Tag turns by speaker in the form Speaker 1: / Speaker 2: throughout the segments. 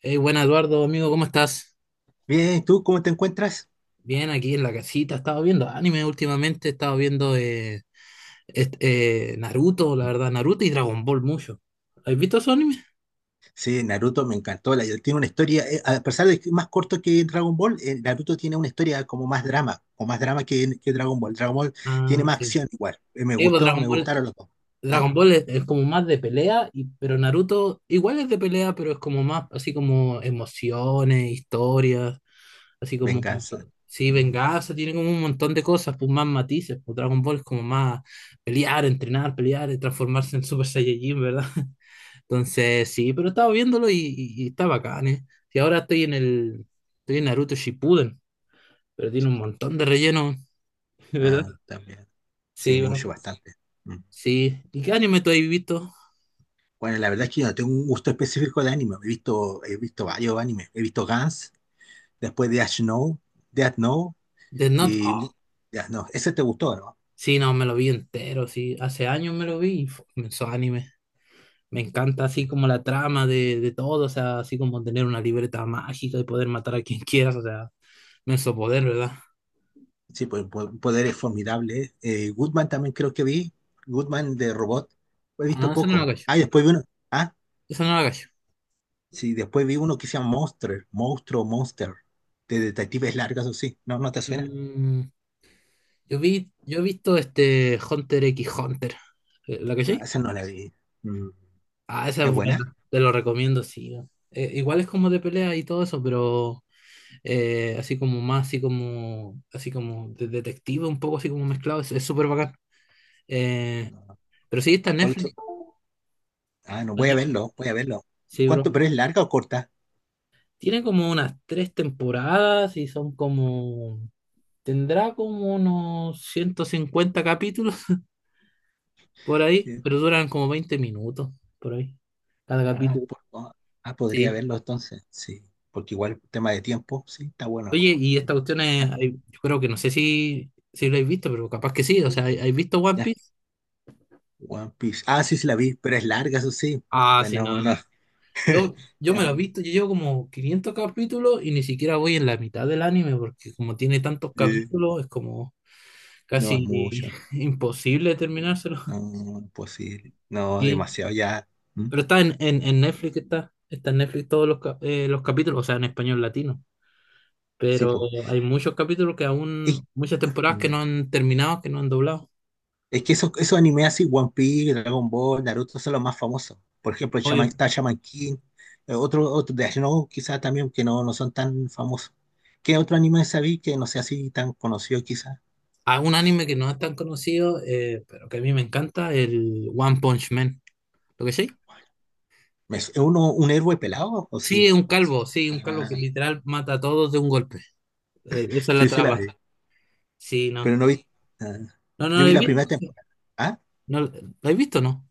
Speaker 1: Hey, buena Eduardo, amigo, ¿cómo estás?
Speaker 2: Bien, ¿tú cómo te encuentras?
Speaker 1: Bien, aquí en la casita. He estado viendo anime últimamente, he estado viendo Naruto, la verdad, Naruto y Dragon Ball mucho. ¿Has visto esos animes?
Speaker 2: Sí, Naruto me encantó. Tiene una historia, a pesar de que es más corto que Dragon Ball. Naruto tiene una historia como más drama, o más drama que Dragon Ball. Dragon Ball
Speaker 1: Ah,
Speaker 2: tiene más
Speaker 1: sí.
Speaker 2: acción igual. Me
Speaker 1: Sí, pues
Speaker 2: gustó,
Speaker 1: Dragon
Speaker 2: me
Speaker 1: Ball,
Speaker 2: gustaron los dos. ¿Ah?
Speaker 1: Dragon Ball es como más de pelea, y, pero Naruto igual es de pelea, pero es como más así como emociones, historias, así como,
Speaker 2: Venganza.
Speaker 1: sí,
Speaker 2: Mm.
Speaker 1: venganza, tiene como un montón de cosas, pues más matices. Pues Dragon Ball es como más pelear, entrenar, pelear, y transformarse en Super Saiyajin, ¿verdad? Entonces, sí, pero estaba viéndolo y está bacán, ¿eh? Y ahora estoy en el, estoy en Naruto Shippuden, pero tiene un montón de relleno, ¿verdad?
Speaker 2: Ah, también. Sí,
Speaker 1: Sí, bro.
Speaker 2: mucho, bastante. Mm.
Speaker 1: Sí. ¿Y qué anime tú has visto?
Speaker 2: Bueno, la verdad es que yo no tengo un gusto específico de anime. He visto varios animes. He visto Gans, después de Death Note, Death Note
Speaker 1: Death Note.
Speaker 2: y mu-
Speaker 1: Ah,
Speaker 2: Death Note. Ese te gustó, ¿no?
Speaker 1: sí, no, me lo vi entero, sí. Hace años me lo vi y fu, me hizo anime. Me encanta así como la trama de todo, o sea, así como tener una libreta mágica y poder matar a quien quieras, o sea, me hizo poder, ¿verdad?
Speaker 2: Sí, pues poderes formidables. Goodman también creo que vi. Goodman de robot. He
Speaker 1: Ah, no,
Speaker 2: visto
Speaker 1: eso no lo
Speaker 2: poco.
Speaker 1: cacho.
Speaker 2: Ah, y después vi uno. Ah,
Speaker 1: Eso no lo cacho.
Speaker 2: sí, después vi uno que se llama Monster. Monstruo, Monster. De detectives largas o sí. No, no te suena.
Speaker 1: Mm, yo vi, yo he visto este Hunter x Hunter. ¿La
Speaker 2: Ah,
Speaker 1: cachai?
Speaker 2: esa no la vi. Mm.
Speaker 1: Ah, esa es
Speaker 2: ¿Es buena?
Speaker 1: buena. Te lo recomiendo, sí. Igual es como de pelea y todo eso, pero así como más, así como de detective, un poco así como mezclado. Es súper bacán. Eh,
Speaker 2: No.
Speaker 1: pero sí, está en
Speaker 2: ¿Cuál otro?
Speaker 1: Netflix.
Speaker 2: Ah, no,
Speaker 1: En
Speaker 2: voy a
Speaker 1: Netflix,
Speaker 2: verlo, voy a verlo.
Speaker 1: sí,
Speaker 2: ¿Cuánto?
Speaker 1: bro.
Speaker 2: ¿Pero es larga o corta?
Speaker 1: Tiene como unas tres temporadas y son como. Tendrá como unos 150 capítulos por ahí,
Speaker 2: Sí.
Speaker 1: pero duran como 20 minutos por ahí, cada
Speaker 2: Ah,
Speaker 1: capítulo.
Speaker 2: podría
Speaker 1: Sí.
Speaker 2: verlo entonces. Sí, porque igual tema de tiempo, sí, está bueno.
Speaker 1: Oye, y esta cuestión es,
Speaker 2: Ah,
Speaker 1: hay- yo creo que no sé si, si lo habéis visto, pero capaz que sí. O sea, ¿hay- ¿habéis visto One
Speaker 2: ya.
Speaker 1: Piece?
Speaker 2: One Piece. Ah, sí, sí la vi, pero es larga, eso sí.
Speaker 1: Ah,
Speaker 2: Ya.
Speaker 1: sí,
Speaker 2: No,
Speaker 1: no.
Speaker 2: no,
Speaker 1: Yo
Speaker 2: ya,
Speaker 1: me lo he visto, yo llevo como 500 capítulos y ni siquiera voy en la mitad del anime, porque como tiene tantos
Speaker 2: eh,
Speaker 1: capítulos, es como
Speaker 2: no es
Speaker 1: casi
Speaker 2: mucho.
Speaker 1: imposible terminárselo.
Speaker 2: No, no es posible. No, es
Speaker 1: Y,
Speaker 2: demasiado ya. ¿Mm?
Speaker 1: pero está en Netflix, está en Netflix todos los, cap- los capítulos, o sea, en español latino.
Speaker 2: Sí,
Speaker 1: Pero
Speaker 2: pues.
Speaker 1: hay muchos capítulos que
Speaker 2: Es,
Speaker 1: aún, muchas temporadas que
Speaker 2: mm,
Speaker 1: no han terminado, que no han doblado.
Speaker 2: es que esos, esos animes así, One Piece, Dragon Ball, Naruto, son los más famosos. Por ejemplo, Shaman,
Speaker 1: Obvio.
Speaker 2: está Shaman King, otro, otro de no, quizás también, que no, no son tan famosos. ¿Qué otro anime sabí que no sea así tan conocido, quizás?
Speaker 1: A un anime que no es tan conocido, pero que a mí me encanta, el One Punch Man. ¿Lo que sí?
Speaker 2: ¿Es uno un héroe pelado? ¿O
Speaker 1: Sí,
Speaker 2: sí?
Speaker 1: es un calvo, sí, un calvo
Speaker 2: Ah,
Speaker 1: que literal mata a todos de un golpe. Esa es la
Speaker 2: sí, sí la vi.
Speaker 1: traba. Sí, no.
Speaker 2: Pero no vi. Ah,
Speaker 1: No, no
Speaker 2: yo
Speaker 1: lo
Speaker 2: vi
Speaker 1: he
Speaker 2: la
Speaker 1: visto.
Speaker 2: primera temporada. ¿Ah?
Speaker 1: No, ¿lo he visto, no?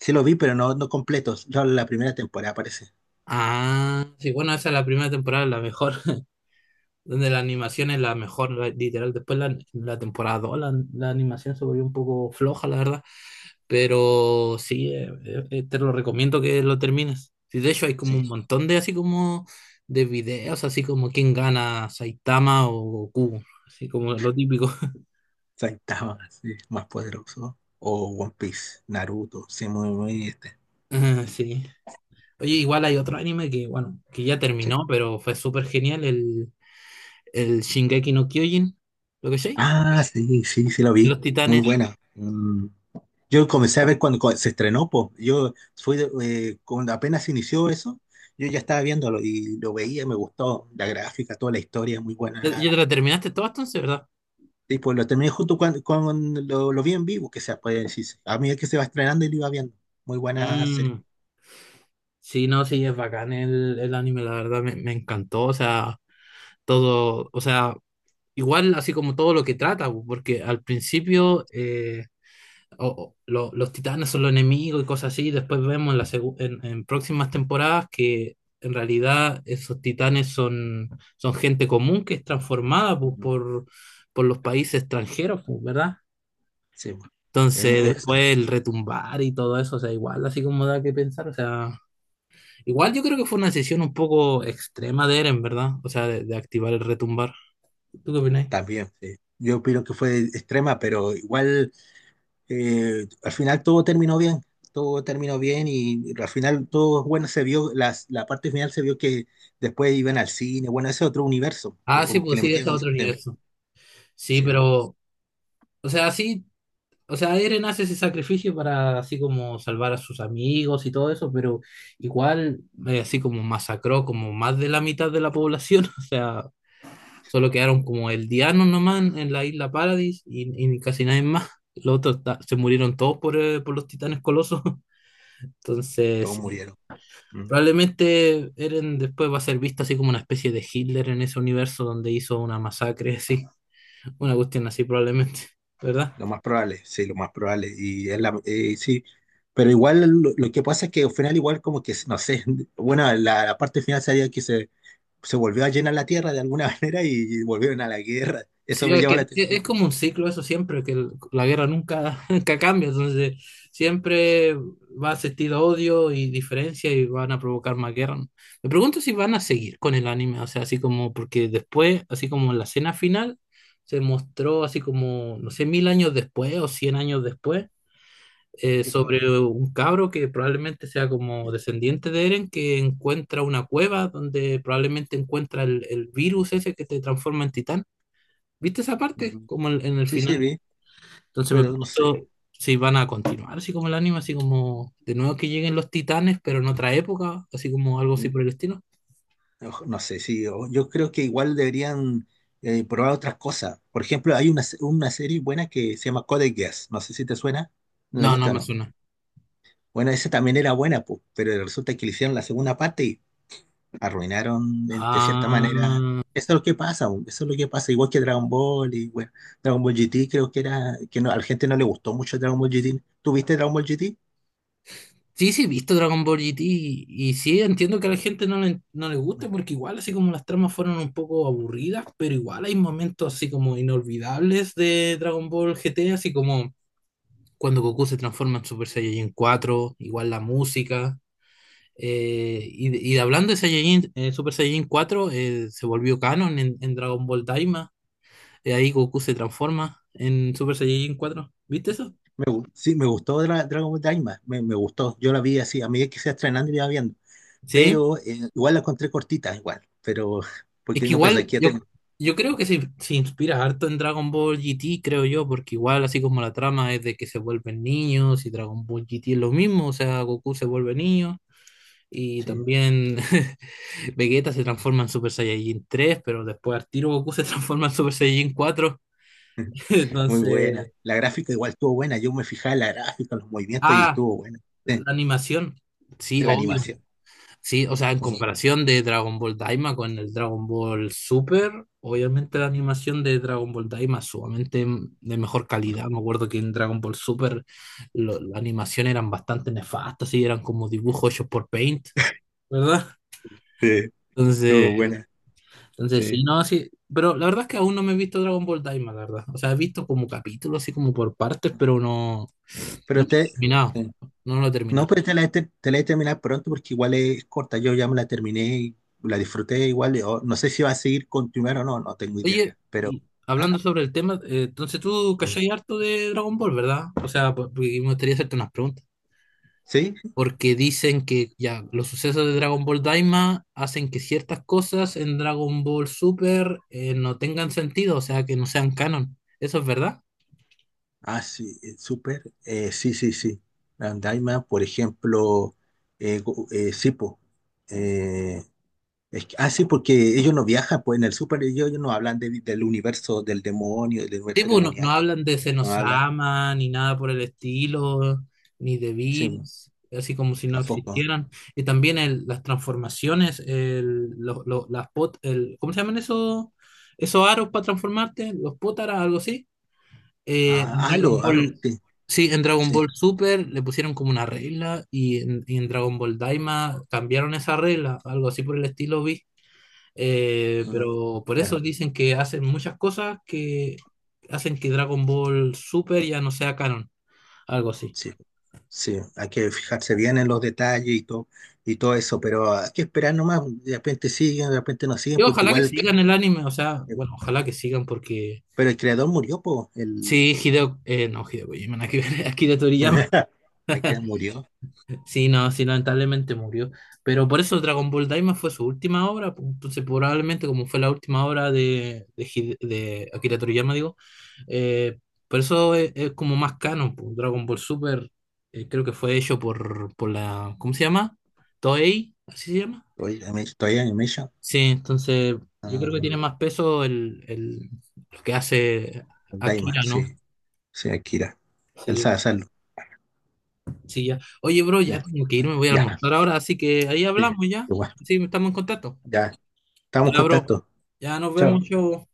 Speaker 2: Sí lo vi, pero no, no completos. Yo la primera temporada parece.
Speaker 1: Ah, sí, bueno, esa es la primera temporada, la mejor, donde la animación es la mejor, la- literal. Después la, la temporada 2 la, la animación se volvió un poco floja, la verdad. Pero sí, te lo recomiendo que lo termines. Sí, de hecho hay como
Speaker 2: Sí.
Speaker 1: un montón de así como de videos, así como quién gana, Saitama o Goku, así como lo típico.
Speaker 2: Saitama, sí, más poderoso. O One Piece, Naruto, sí, muy, muy este.
Speaker 1: Ah, sí. Oye, igual hay otro anime que, bueno, que ya
Speaker 2: Sí.
Speaker 1: terminó, pero fue súper genial, el Shingeki no Kyojin, ¿lo que sé?
Speaker 2: Ah, sí, sí, sí lo vi.
Speaker 1: Los
Speaker 2: Muy
Speaker 1: Titanes.
Speaker 2: buena. Mm. Yo comencé a ver cuando, cuando se estrenó, po. Yo cuando apenas inició eso, yo ya estaba viéndolo y lo veía, me gustó la gráfica, toda la historia, muy buena.
Speaker 1: ¿Ya, ya te lo terminaste todo entonces, verdad?
Speaker 2: Sí, pues lo terminé lo vi en vivo, que sea, puede decirse. A medida que se va estrenando y lo iba viendo. Muy buena serie.
Speaker 1: Mm, sí, no, sí, es bacán el anime, la verdad, me encantó, o sea, todo, o sea, igual, así como todo lo que trata, pu, porque al principio o lo- los titanes son los enemigos y cosas así, y después vemos en, la segu- en próximas temporadas que en realidad esos titanes son, son gente común que es transformada pu,
Speaker 2: Ujú.
Speaker 1: por los países extranjeros, pu, ¿verdad?
Speaker 2: Sí, pues. Em,
Speaker 1: Entonces, claro.
Speaker 2: es-
Speaker 1: Después el retumbar y todo eso, o sea, igual, así como da que pensar, o sea, igual yo creo que fue una decisión un poco extrema de Eren, ¿verdad? O sea, de activar el retumbar. ¿Tú qué opinas?
Speaker 2: también, sí. Yo opino que fue extrema, pero igual al final todo terminó bien. Todo terminó bien y, al final todo bueno se vio, la parte final se vio que después iban al cine. Bueno, ese es otro universo
Speaker 1: Ah, sí,
Speaker 2: como que
Speaker 1: pues
Speaker 2: le
Speaker 1: sí, ese es
Speaker 2: metieron los
Speaker 1: otro
Speaker 2: temas.
Speaker 1: universo. Sí,
Speaker 2: Sí,
Speaker 1: pero, o sea, sí, o sea, Eren hace ese sacrificio para así como salvar a sus amigos y todo eso, pero igual así como masacró como más de la mitad de la población, o sea, solo quedaron como el Diano nomás en la isla Paradis y casi nadie más. Los otros ta- se murieron todos por los titanes colosos. Entonces,
Speaker 2: todos
Speaker 1: sí,
Speaker 2: murieron.
Speaker 1: probablemente Eren después va a ser visto así como una especie de Hitler en ese universo donde hizo una masacre así, una cuestión así probablemente, ¿verdad?
Speaker 2: Lo más probable, sí, lo más probable. Sí, pero igual lo que pasa es que al final igual como que, no sé, bueno, la parte final sería se volvió a llenar la tierra de alguna manera y volvieron a la guerra. Eso
Speaker 1: Sí,
Speaker 2: me
Speaker 1: es
Speaker 2: llama la
Speaker 1: que es
Speaker 2: atención.
Speaker 1: como un ciclo eso siempre, que el- la guerra nunca, nunca cambia, entonces siempre va a existir odio y diferencia y van a provocar más guerra. ¿No? Me pregunto si van a seguir con el anime, o sea, así como, porque después, así como en la escena final, se mostró así como, no sé, 1000 años después o 100 años después,
Speaker 2: Yo creo.
Speaker 1: sobre un cabro que probablemente sea como descendiente de Eren, que encuentra una cueva donde probablemente encuentra el virus ese que te transforma en titán. ¿Viste esa parte?
Speaker 2: Mm.
Speaker 1: Como en el
Speaker 2: Sí, sí,
Speaker 1: final.
Speaker 2: vi,
Speaker 1: Entonces me
Speaker 2: pero no sé.
Speaker 1: pregunto si van a continuar, así como el anime, así como de nuevo que lleguen los titanes, pero en otra época, así como algo así
Speaker 2: Mm,
Speaker 1: por el estilo.
Speaker 2: ojo, no sé, yo creo que igual deberían probar otras cosas. Por ejemplo, hay una, una serie buena que se llama Code Geass. No sé si te suena. ¿No la has
Speaker 1: No, no
Speaker 2: visto o
Speaker 1: me
Speaker 2: no?
Speaker 1: suena.
Speaker 2: Bueno, esa también era buena, pues, pero resulta que le hicieron la segunda parte, arruinaron de cierta manera.
Speaker 1: Ah,
Speaker 2: Eso es lo que pasa, bu, eso es lo que pasa, igual que Dragon Ball y bueno, Dragon Ball GT creo que era, que no, a la gente no le gustó mucho Dragon Ball GT. ¿Tuviste Dragon Ball GT?
Speaker 1: sí, sí, he visto Dragon Ball GT y sí, entiendo que a la gente no le, no le gusta porque igual así como las tramas fueron un poco aburridas, pero igual hay momentos así como inolvidables de Dragon Ball GT, así como cuando Goku se transforma en Super Saiyajin 4 igual la música. Y hablando de Saiyajin, Super Saiyajin 4 se volvió canon en Dragon Ball Daima. Ahí Goku se transforma en Super Saiyajin cuatro. ¿Viste eso?
Speaker 2: Sí, me gustó Dragon Ball Daima, me gustó, yo la vi así, a medida que se iba estrenando iba viendo,
Speaker 1: Sí.
Speaker 2: pero igual la encontré cortita, igual, pero
Speaker 1: Es
Speaker 2: porque
Speaker 1: que
Speaker 2: no pensé
Speaker 1: igual
Speaker 2: que iba a
Speaker 1: yo,
Speaker 2: tener-
Speaker 1: yo creo que se inspira harto en Dragon Ball GT, creo yo, porque igual así como la trama es de que se vuelven niños y Dragon Ball GT es lo mismo, o sea, Goku se vuelve niño. Y
Speaker 2: sí,
Speaker 1: también Vegeta se transforma en Super Saiyajin 3 pero después al tiro Goku se transforma en Super Saiyajin cuatro.
Speaker 2: muy buena.
Speaker 1: Entonces,
Speaker 2: La gráfica igual estuvo buena, yo me fijaba en la gráfica, los movimientos y
Speaker 1: ah,
Speaker 2: estuvo buena, sí,
Speaker 1: la animación. Sí,
Speaker 2: la
Speaker 1: obvio.
Speaker 2: animación.
Speaker 1: Sí, o sea, en
Speaker 2: Sí,
Speaker 1: comparación de Dragon Ball Daima con el Dragon Ball Super, obviamente la animación de Dragon Ball Daima es sumamente m- de mejor calidad. Me acuerdo que en Dragon Ball Super lo- la animación eran bastante nefastas, sí, eran como dibujos hechos por Paint, ¿verdad?
Speaker 2: sí, estuvo
Speaker 1: Entonces,
Speaker 2: buena,
Speaker 1: entonces sí,
Speaker 2: sí.
Speaker 1: no, sí. Pero la verdad es que aún no me he visto Dragon Ball Daima, la verdad. O sea, he visto como capítulos, así como por partes, pero no, no
Speaker 2: Pero
Speaker 1: me he
Speaker 2: te,
Speaker 1: terminado.
Speaker 2: sí.
Speaker 1: No lo he
Speaker 2: No,
Speaker 1: terminado.
Speaker 2: pero te la he terminado pronto porque igual es corta. Yo ya me la terminé y la disfruté igual. Yo no sé si va a seguir continuar o no, no tengo idea.
Speaker 1: Oye,
Speaker 2: Pero,
Speaker 1: y
Speaker 2: ¿ah?
Speaker 1: hablando sobre el tema, entonces tú cachai harto de Dragon Ball, ¿verdad? O sea, po- porque me gustaría hacerte unas preguntas.
Speaker 2: ¿Sí?
Speaker 1: Porque dicen que ya los sucesos de Dragon Ball Daima hacen que ciertas cosas en Dragon Ball Super no tengan sentido, o sea, que no sean canon. ¿Eso es verdad?
Speaker 2: Ah, sí, súper. Sí, sí, sí. Andaima, por ejemplo, sí, po. Eh, es que- ah, sí, porque ellos no viajan, pues en el súper ellos no hablan del universo del demonio, del
Speaker 1: Sí,
Speaker 2: universo
Speaker 1: pues, no, no
Speaker 2: demoníaco.
Speaker 1: hablan de
Speaker 2: No hablan.
Speaker 1: Senosama, ni nada por el estilo, ni de
Speaker 2: Sí, po,
Speaker 1: Bills, así como si no
Speaker 2: tampoco.
Speaker 1: existieran. Y también el- las transformaciones, el, lo- las pot, el, ¿cómo se llaman esos, esos aros para transformarte? Los potaras, algo así. En
Speaker 2: Ah,
Speaker 1: Dragon
Speaker 2: Aro, Aro,
Speaker 1: Ball,
Speaker 2: sí.
Speaker 1: sí, en Dragon
Speaker 2: Sí.
Speaker 1: Ball Super le pusieron como una regla y en Dragon Ball Daima cambiaron esa regla, algo así por el estilo, vi.
Speaker 2: Ah,
Speaker 1: Pero por eso
Speaker 2: bueno,
Speaker 1: dicen que hacen muchas cosas que hacen que Dragon Ball Super ya no sea canon, algo así.
Speaker 2: sí, sí, hay que fijarse bien en los detalles y todo eso, pero hay que esperar nomás, de repente siguen, de repente no siguen,
Speaker 1: Yo
Speaker 2: porque
Speaker 1: ojalá
Speaker 2: igual,
Speaker 1: que
Speaker 2: el crea-
Speaker 1: sigan el anime, o sea, bueno, ojalá que sigan porque
Speaker 2: pero el creador murió, pues, el,
Speaker 1: sí, Hideo, no, Hideo Kojima, nada que ver, Akira Toriyama.
Speaker 2: Akira murió,
Speaker 1: Sí, no, sí, lamentablemente murió. Pero por eso Dragon Ball Daima fue su última obra. Pues, entonces, probablemente como fue la última obra de, Hide- de Akira Toriyama, digo, eh, por eso es como más canon. Pues. Dragon Ball Super creo que fue hecho por la, ¿cómo se llama? Toei, así se llama.
Speaker 2: Toei Animation,
Speaker 1: Sí, entonces yo creo que tiene
Speaker 2: ah,
Speaker 1: más peso el, lo que hace
Speaker 2: Daima,
Speaker 1: Akira,
Speaker 2: sí,
Speaker 1: ¿no?
Speaker 2: sí, Akira, él sabe
Speaker 1: Sí,
Speaker 2: hacerlo,
Speaker 1: sí, ya. Oye, bro, ya
Speaker 2: ya,
Speaker 1: tengo que irme, voy a
Speaker 2: ya,
Speaker 1: almorzar ahora, así que ahí
Speaker 2: sí,
Speaker 1: hablamos ya.
Speaker 2: igual,
Speaker 1: Sí, estamos en contacto.
Speaker 2: ya, estamos en
Speaker 1: Ya, bro.
Speaker 2: contacto,
Speaker 1: Ya nos vemos,
Speaker 2: chao.
Speaker 1: chavo.